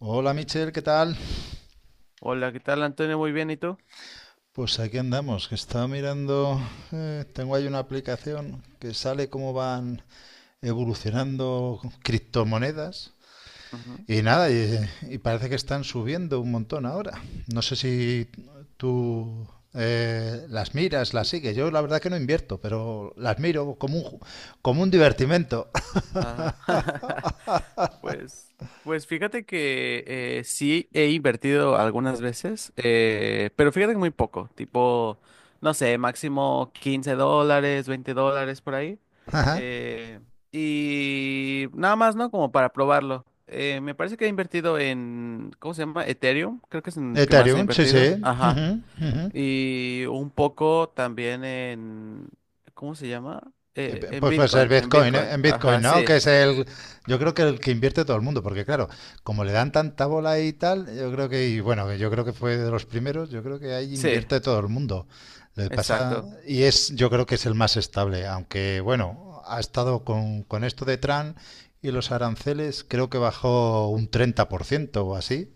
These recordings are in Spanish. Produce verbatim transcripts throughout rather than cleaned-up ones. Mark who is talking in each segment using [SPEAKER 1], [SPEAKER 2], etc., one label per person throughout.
[SPEAKER 1] Hola Michelle, ¿qué tal?
[SPEAKER 2] Hola, ¿qué tal, Antonio? Muy bien, ¿y tú?
[SPEAKER 1] Pues aquí andamos, que estaba mirando, eh, tengo ahí una aplicación que sale cómo van evolucionando criptomonedas
[SPEAKER 2] Ujú.
[SPEAKER 1] y nada, y, y parece que están subiendo un montón ahora. No sé si tú eh, las miras, las sigues. Yo la verdad que no invierto, pero las miro como un, ju- como un divertimento.
[SPEAKER 2] Ah, pues, pues fíjate que eh, sí he invertido algunas veces, eh, pero fíjate que muy poco, tipo, no sé, máximo quince dólares, veinte dólares por ahí.
[SPEAKER 1] Ajá.
[SPEAKER 2] eh, y nada más, ¿no? Como para probarlo. Eh, me parece que he invertido en, ¿cómo se llama? Ethereum, creo que es en el que más he
[SPEAKER 1] Ethereum, sí, sí.
[SPEAKER 2] invertido. Ajá.
[SPEAKER 1] Ujú, ujú.
[SPEAKER 2] Y un poco también en, ¿cómo se llama?
[SPEAKER 1] Eh,
[SPEAKER 2] Eh,
[SPEAKER 1] pe-
[SPEAKER 2] en
[SPEAKER 1] Pues puede ser
[SPEAKER 2] Bitcoin, en
[SPEAKER 1] Bitcoin, eh,
[SPEAKER 2] Bitcoin.
[SPEAKER 1] en
[SPEAKER 2] Ajá,
[SPEAKER 1] Bitcoin, ¿no?
[SPEAKER 2] sí,
[SPEAKER 1] Que es el, yo creo que el que invierte todo el mundo, porque claro, como le dan tanta bola y tal, yo creo que, y bueno, yo creo que fue de los primeros, yo creo que ahí
[SPEAKER 2] sí,
[SPEAKER 1] invierte todo el mundo. Le pasa,
[SPEAKER 2] exacto.
[SPEAKER 1] y es, yo creo que es el más estable, aunque bueno, ha estado con, con esto de Trump y los aranceles, creo que bajó un treinta por ciento o así,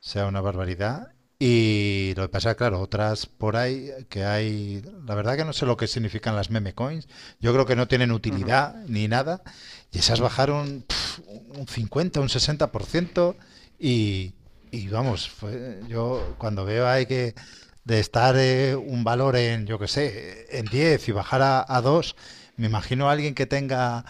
[SPEAKER 1] sea una barbaridad. Y lo que pasa, claro, otras por ahí que hay, la verdad que no sé lo que significan las meme coins, yo creo que no tienen utilidad ni nada, y esas bajaron pf, un cincuenta, un sesenta por ciento y, y vamos, fue- yo cuando veo ahí que de estar eh, un valor en, yo qué sé, en diez y bajar a, a dos, me imagino a alguien que tenga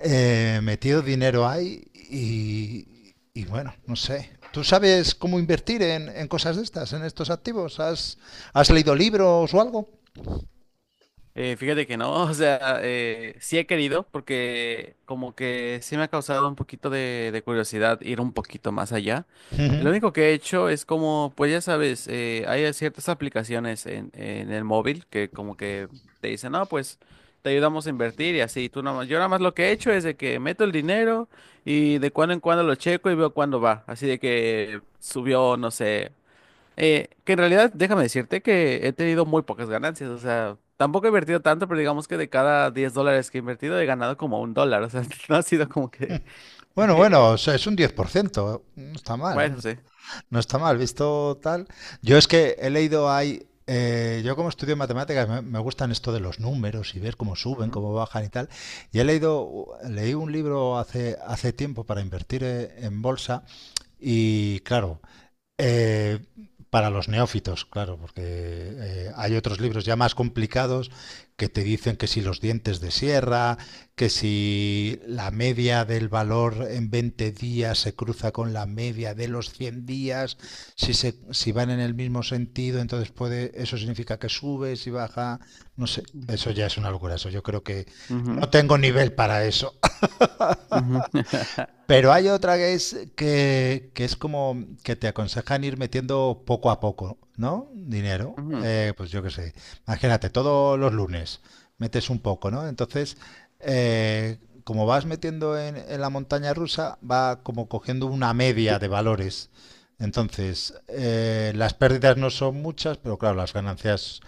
[SPEAKER 1] eh, metido dinero ahí y, y bueno, no sé. ¿Tú sabes cómo invertir en, en cosas de estas, en estos activos? ¿Has, has leído libros o algo?
[SPEAKER 2] Eh, fíjate que no, o sea, eh, sí he querido porque como que sí me ha causado un poquito de, de curiosidad ir un poquito más allá.
[SPEAKER 1] Ujú.
[SPEAKER 2] Lo único que he hecho es como, pues ya sabes, eh, hay ciertas aplicaciones en, en el móvil que como que te dicen, no, pues te ayudamos a invertir y así. Tú nada más- yo nada más lo que he hecho es de que meto el dinero y de cuando en cuando lo checo y veo cuándo va. Así de que subió, no sé. Eh, que en realidad, déjame decirte que he tenido muy pocas ganancias, o sea, tampoco he invertido tanto, pero digamos que de cada diez dólares que he invertido he ganado como un dólar, o sea, no ha sido como que...
[SPEAKER 1] Bueno, bueno,
[SPEAKER 2] eh,
[SPEAKER 1] o sea, es un diez por ciento, no está mal. No
[SPEAKER 2] bueno, sí.
[SPEAKER 1] no está mal, visto tal. Yo es que he leído ahí, eh, yo como estudio matemáticas me, me, gustan esto de los números y ver cómo suben,
[SPEAKER 2] Ujú,
[SPEAKER 1] cómo bajan y tal. Y he leído, leí un libro hace, hace tiempo para invertir eh, en bolsa y claro, eh, para los neófitos, claro, porque eh, hay otros libros ya más complicados que te dicen que si los dientes de sierra, que si la media del valor en veinte días se cruza con la media de los cien días, si, se, si van en el mismo sentido, entonces puede, eso significa que sube, si baja, no sé, eso ya es una locura, eso yo creo que
[SPEAKER 2] ujú,
[SPEAKER 1] no tengo nivel para eso.
[SPEAKER 2] ujú,
[SPEAKER 1] Pero hay otra que es que, que es como que te aconsejan ir metiendo poco a poco, ¿no? Dinero.
[SPEAKER 2] ujú,
[SPEAKER 1] Eh, pues yo qué sé. Imagínate, todos los lunes metes un poco, ¿no? Entonces, eh, como vas metiendo en, en, la montaña rusa, va como cogiendo una media de valores. Entonces, eh, las pérdidas no son muchas, pero claro, las ganancias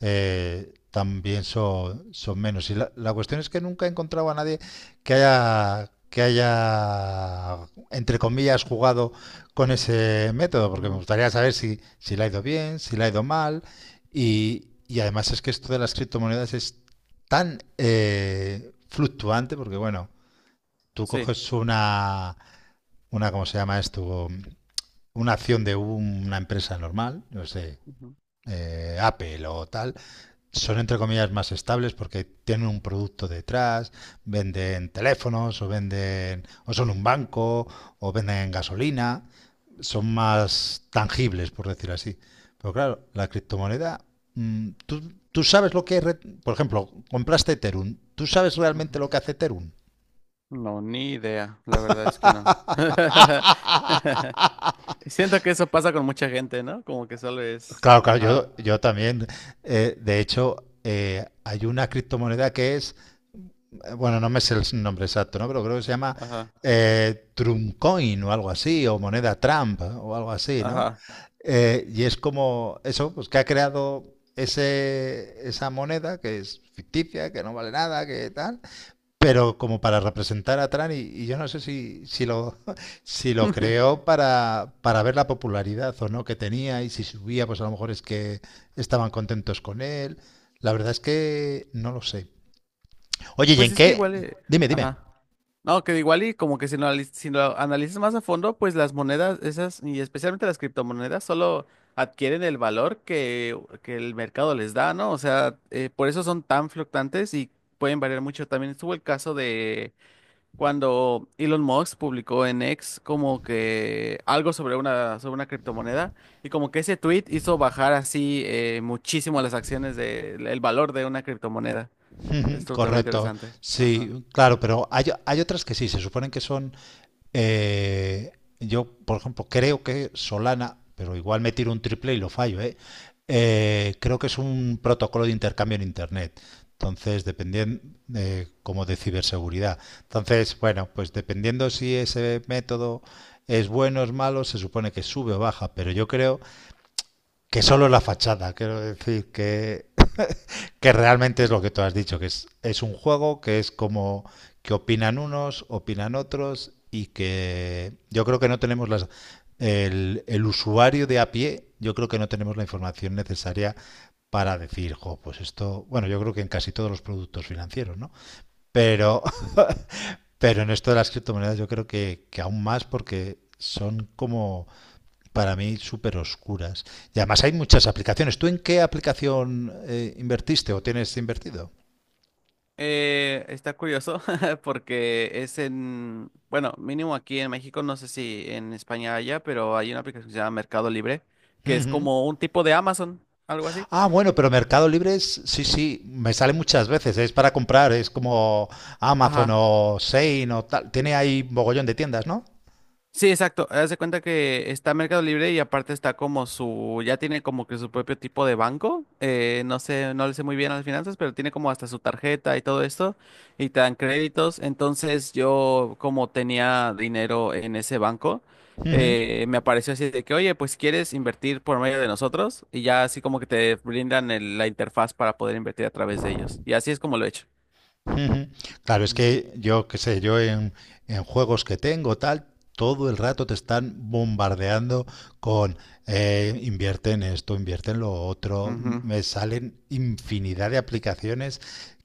[SPEAKER 1] eh, también son, son menos. Y la, la cuestión es que nunca he encontrado a nadie que haya, que haya, entre comillas, jugado con ese método, porque me
[SPEAKER 2] ujú,
[SPEAKER 1] gustaría saber si, si le ha ido bien, si le ha ido mal, y, y además es que esto de las criptomonedas es tan eh, fluctuante, porque bueno, tú
[SPEAKER 2] sí.
[SPEAKER 1] coges una, una, ¿cómo se llama esto? Una acción de una empresa normal, no sé,
[SPEAKER 2] Ujú,
[SPEAKER 1] eh, Apple o tal, son entre comillas más estables porque tienen un producto detrás, venden teléfonos o venden o son un banco o venden gasolina, son más tangibles por decir así. Pero claro, la criptomoneda, mm, tú, tú sabes lo que es, por ejemplo, compraste Ethereum, ¿tú sabes realmente
[SPEAKER 2] ujú.
[SPEAKER 1] lo que hace Ethereum?
[SPEAKER 2] No, ni idea, la verdad es que no. Siento que eso pasa con mucha gente, ¿no? Como que solo es...
[SPEAKER 1] Claro, claro,
[SPEAKER 2] Ajá,
[SPEAKER 1] yo, yo también. Eh, de hecho, eh, hay una criptomoneda que es eh, bueno, no me sé el nombre exacto, ¿no? Pero creo que se llama
[SPEAKER 2] ajá,
[SPEAKER 1] eh, Trump Coin o algo así, o moneda Trump o algo así, ¿no?
[SPEAKER 2] ajá.
[SPEAKER 1] Eh, y es como eso, pues que ha creado ese, esa moneda que es ficticia, que no vale nada, que tal, pero como para representar a Trump y, y yo no sé si, si lo, si lo creó para, para ver la popularidad o no que tenía y si subía, pues a lo mejor es que estaban contentos con él. La verdad es que no lo sé. Oye, ¿y
[SPEAKER 2] Pues
[SPEAKER 1] en
[SPEAKER 2] es que
[SPEAKER 1] qué?
[SPEAKER 2] igual... eh,
[SPEAKER 1] Dime, dime.
[SPEAKER 2] no, que igual y como que si lo, anali- si lo analizas más a fondo, pues las monedas esas, y especialmente las criptomonedas, solo adquieren el valor que, que el mercado les da, ¿no? O sea, eh, por eso son tan fluctuantes y pueden variar mucho. También estuvo el caso de cuando Elon Musk publicó en X como que algo sobre una, sobre una criptomoneda y como que ese tweet hizo bajar así eh, muchísimo las acciones del el valor de una criptomoneda.
[SPEAKER 1] Ujú,
[SPEAKER 2] Esto también
[SPEAKER 1] correcto,
[SPEAKER 2] interesante. Ajá.
[SPEAKER 1] sí, claro, pero hay, hay otras que sí, se suponen que son, eh, yo por ejemplo creo que Solana, pero igual me tiro un triple y lo fallo, ¿eh? Eh, creo que es un protocolo de intercambio en Internet, entonces dependiendo, eh, como de ciberseguridad. Entonces, bueno, pues dependiendo si ese método es bueno o es malo, se supone que sube o baja, pero yo creo que solo la fachada, quiero decir que que realmente es lo que tú has dicho, que es, es un juego que es como que opinan unos, opinan otros y que yo creo que no tenemos las... El, el usuario de a pie, yo creo que no tenemos la información necesaria para decir, jo, pues esto, bueno, yo creo que en casi todos los productos financieros, ¿no? Pero, pero en esto de las criptomonedas yo creo que, que aún más porque son como, para mí, súper oscuras. Y además hay muchas aplicaciones. ¿Tú en qué aplicación eh, invertiste o tienes invertido?
[SPEAKER 2] Eh, está curioso porque es en, bueno, mínimo aquí en México, no sé si en España haya, pero hay una aplicación que se llama Mercado Libre, que es
[SPEAKER 1] Ujú.
[SPEAKER 2] como un tipo de Amazon, algo así.
[SPEAKER 1] Ah, bueno, pero Mercado Libre es, sí, sí, me sale muchas veces, es para comprar, es como Amazon
[SPEAKER 2] Ajá.
[SPEAKER 1] o Shein o tal, tiene ahí mogollón de tiendas, ¿no?
[SPEAKER 2] Sí, exacto. Haz de cuenta que está Mercado Libre y aparte está como su, ya tiene como que su propio tipo de banco. Eh, no sé, no le sé muy bien a las finanzas, pero tiene como hasta su tarjeta y todo esto y te dan créditos. Entonces yo como tenía dinero en ese banco,
[SPEAKER 1] Ujú,
[SPEAKER 2] eh, me apareció así de que, oye, pues quieres invertir por medio de nosotros y ya así como que te brindan el- la interfaz para poder invertir a través de ellos. Y así es como lo he hecho.
[SPEAKER 1] ujú. Claro, es
[SPEAKER 2] Ujú.
[SPEAKER 1] que yo, qué sé, yo en, en, juegos que tengo, tal, todo el rato te están bombardeando con eh, invierte en esto, invierte en lo otro, M-
[SPEAKER 2] Ujú.
[SPEAKER 1] me salen infinidad de aplicaciones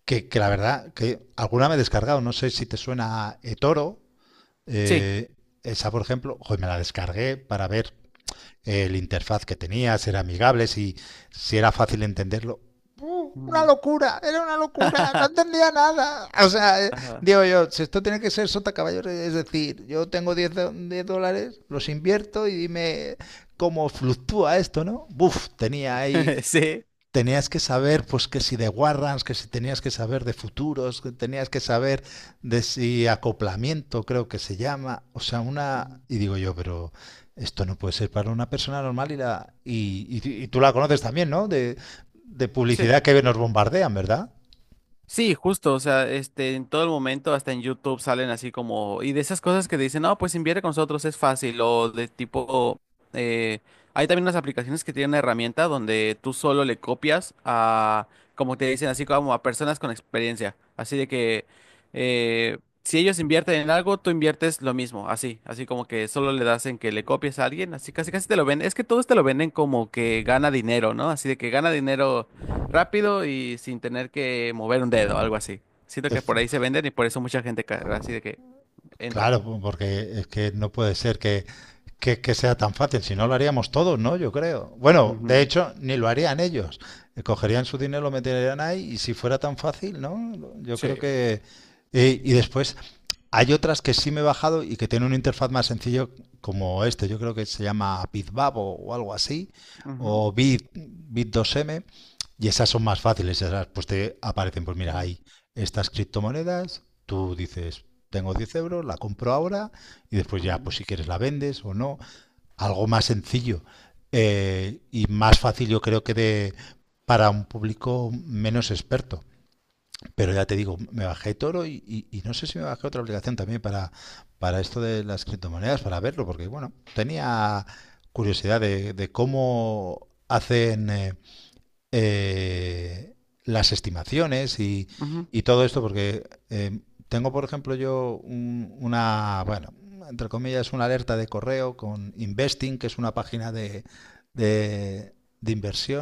[SPEAKER 1] que, que la verdad, que alguna me he descargado, no sé si te suena a Etoro.
[SPEAKER 2] Sí.
[SPEAKER 1] Eh, esa, por ejemplo, joder, me la descargué para ver el interfaz que tenía, si era amigable, si, si era fácil entenderlo. ¡Uh! Una
[SPEAKER 2] Ujú.
[SPEAKER 1] locura, era una locura, no entendía nada. O sea, eh,
[SPEAKER 2] Ajá.
[SPEAKER 1] digo yo, si esto tiene que ser sota caballo, es decir, yo tengo diez do- diez dólares, los invierto y dime cómo fluctúa esto, ¿no? Buf, tenía ahí
[SPEAKER 2] Sí.
[SPEAKER 1] tenías que saber, pues que si de Warrants, que si tenías que saber de futuros, que tenías que saber de si acoplamiento, creo que se llama. O sea, una. Y digo yo, pero esto no puede ser para una persona normal y la. Y, y- y tú la conoces también, ¿no? De, de
[SPEAKER 2] Sí.
[SPEAKER 1] publicidad que nos bombardean, ¿verdad?
[SPEAKER 2] Sí, justo, o sea, este, en todo el momento, hasta en YouTube salen así como, y de esas cosas que dicen, no, pues invierte con nosotros, es fácil, o de tipo, eh, hay también unas aplicaciones que tienen una herramienta donde tú solo le copias a, como te dicen, así como a personas con experiencia, así de que, eh, si ellos invierten en algo, tú inviertes lo mismo, así, así como que solo le das en que le copies a alguien, así casi casi te lo venden, es que todos te lo venden como que gana dinero, ¿no? Así de que gana dinero rápido y sin tener que mover un dedo, algo así. Siento
[SPEAKER 1] Eh,
[SPEAKER 2] que por ahí se venden y por eso mucha gente ca- así de que entra.
[SPEAKER 1] Claro, po- porque es que no puede ser que, que, que, sea tan fácil, si no lo haríamos todos, ¿no? Yo creo. Bueno, de
[SPEAKER 2] Ujú.
[SPEAKER 1] hecho, ni lo harían ellos. Eh, Cogerían su dinero, lo meterían ahí y si fuera tan fácil, ¿no? Lo- Yo creo
[SPEAKER 2] Sí.
[SPEAKER 1] que... eh, y después hay otras que sí me he bajado y que tienen una interfaz más sencillo como este. Yo creo que se llama BitBab o, o algo así,
[SPEAKER 2] Ujú,
[SPEAKER 1] o Bit, Bit2M. Y esas son más fáciles, esas pues te aparecen, pues mira,
[SPEAKER 2] ujú,
[SPEAKER 1] hay estas criptomonedas, tú dices, tengo diez euros, la compro ahora y después ya,
[SPEAKER 2] ujú,
[SPEAKER 1] pues si quieres la vendes o no. Algo más sencillo eh, y más fácil yo creo que de, para un público menos experto. Pero ya te digo, me bajé Toro y, y- y no sé si me bajé otra aplicación también para, para, esto de las criptomonedas, para verlo, porque bueno, tenía curiosidad de, de cómo hacen eh, eh, las estimaciones y, y todo esto, porque eh, tengo, por ejemplo, yo un- una, bueno, entre comillas, una alerta de correo con Investing, que es una página de, de, de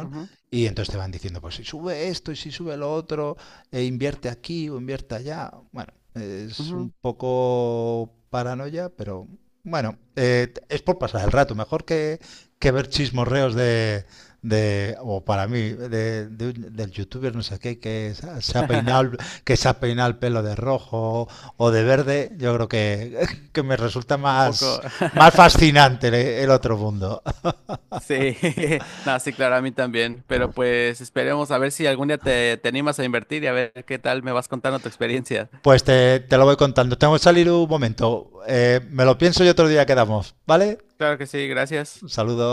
[SPEAKER 2] ujú, ujú,
[SPEAKER 1] y entonces te van diciendo, pues si sube esto y si sube lo otro, e invierte aquí o invierte allá. Bueno, es un
[SPEAKER 2] ujú.
[SPEAKER 1] poco paranoia, pero bueno, eh, es por pasar el rato, mejor que, que ver chismorreos de, de, o para mí, de, de un- del youtuber no sé qué, que se se ha peinado, el- que se ha peinado el pelo de rojo o de verde, yo creo que, que me resulta
[SPEAKER 2] Un
[SPEAKER 1] más,
[SPEAKER 2] poco.
[SPEAKER 1] más fascinante el, el otro mundo.
[SPEAKER 2] Sí, no, sí, claro, a mí también. Pero pues esperemos a ver si algún día te, te animas a invertir y a ver qué tal me vas contando tu experiencia.
[SPEAKER 1] Pues te, te lo voy contando. Tengo que salir un
[SPEAKER 2] Ujú.
[SPEAKER 1] momento. Eh, me lo pienso y otro día quedamos, ¿vale?
[SPEAKER 2] Claro que sí,
[SPEAKER 1] Un
[SPEAKER 2] gracias.
[SPEAKER 1] saludo.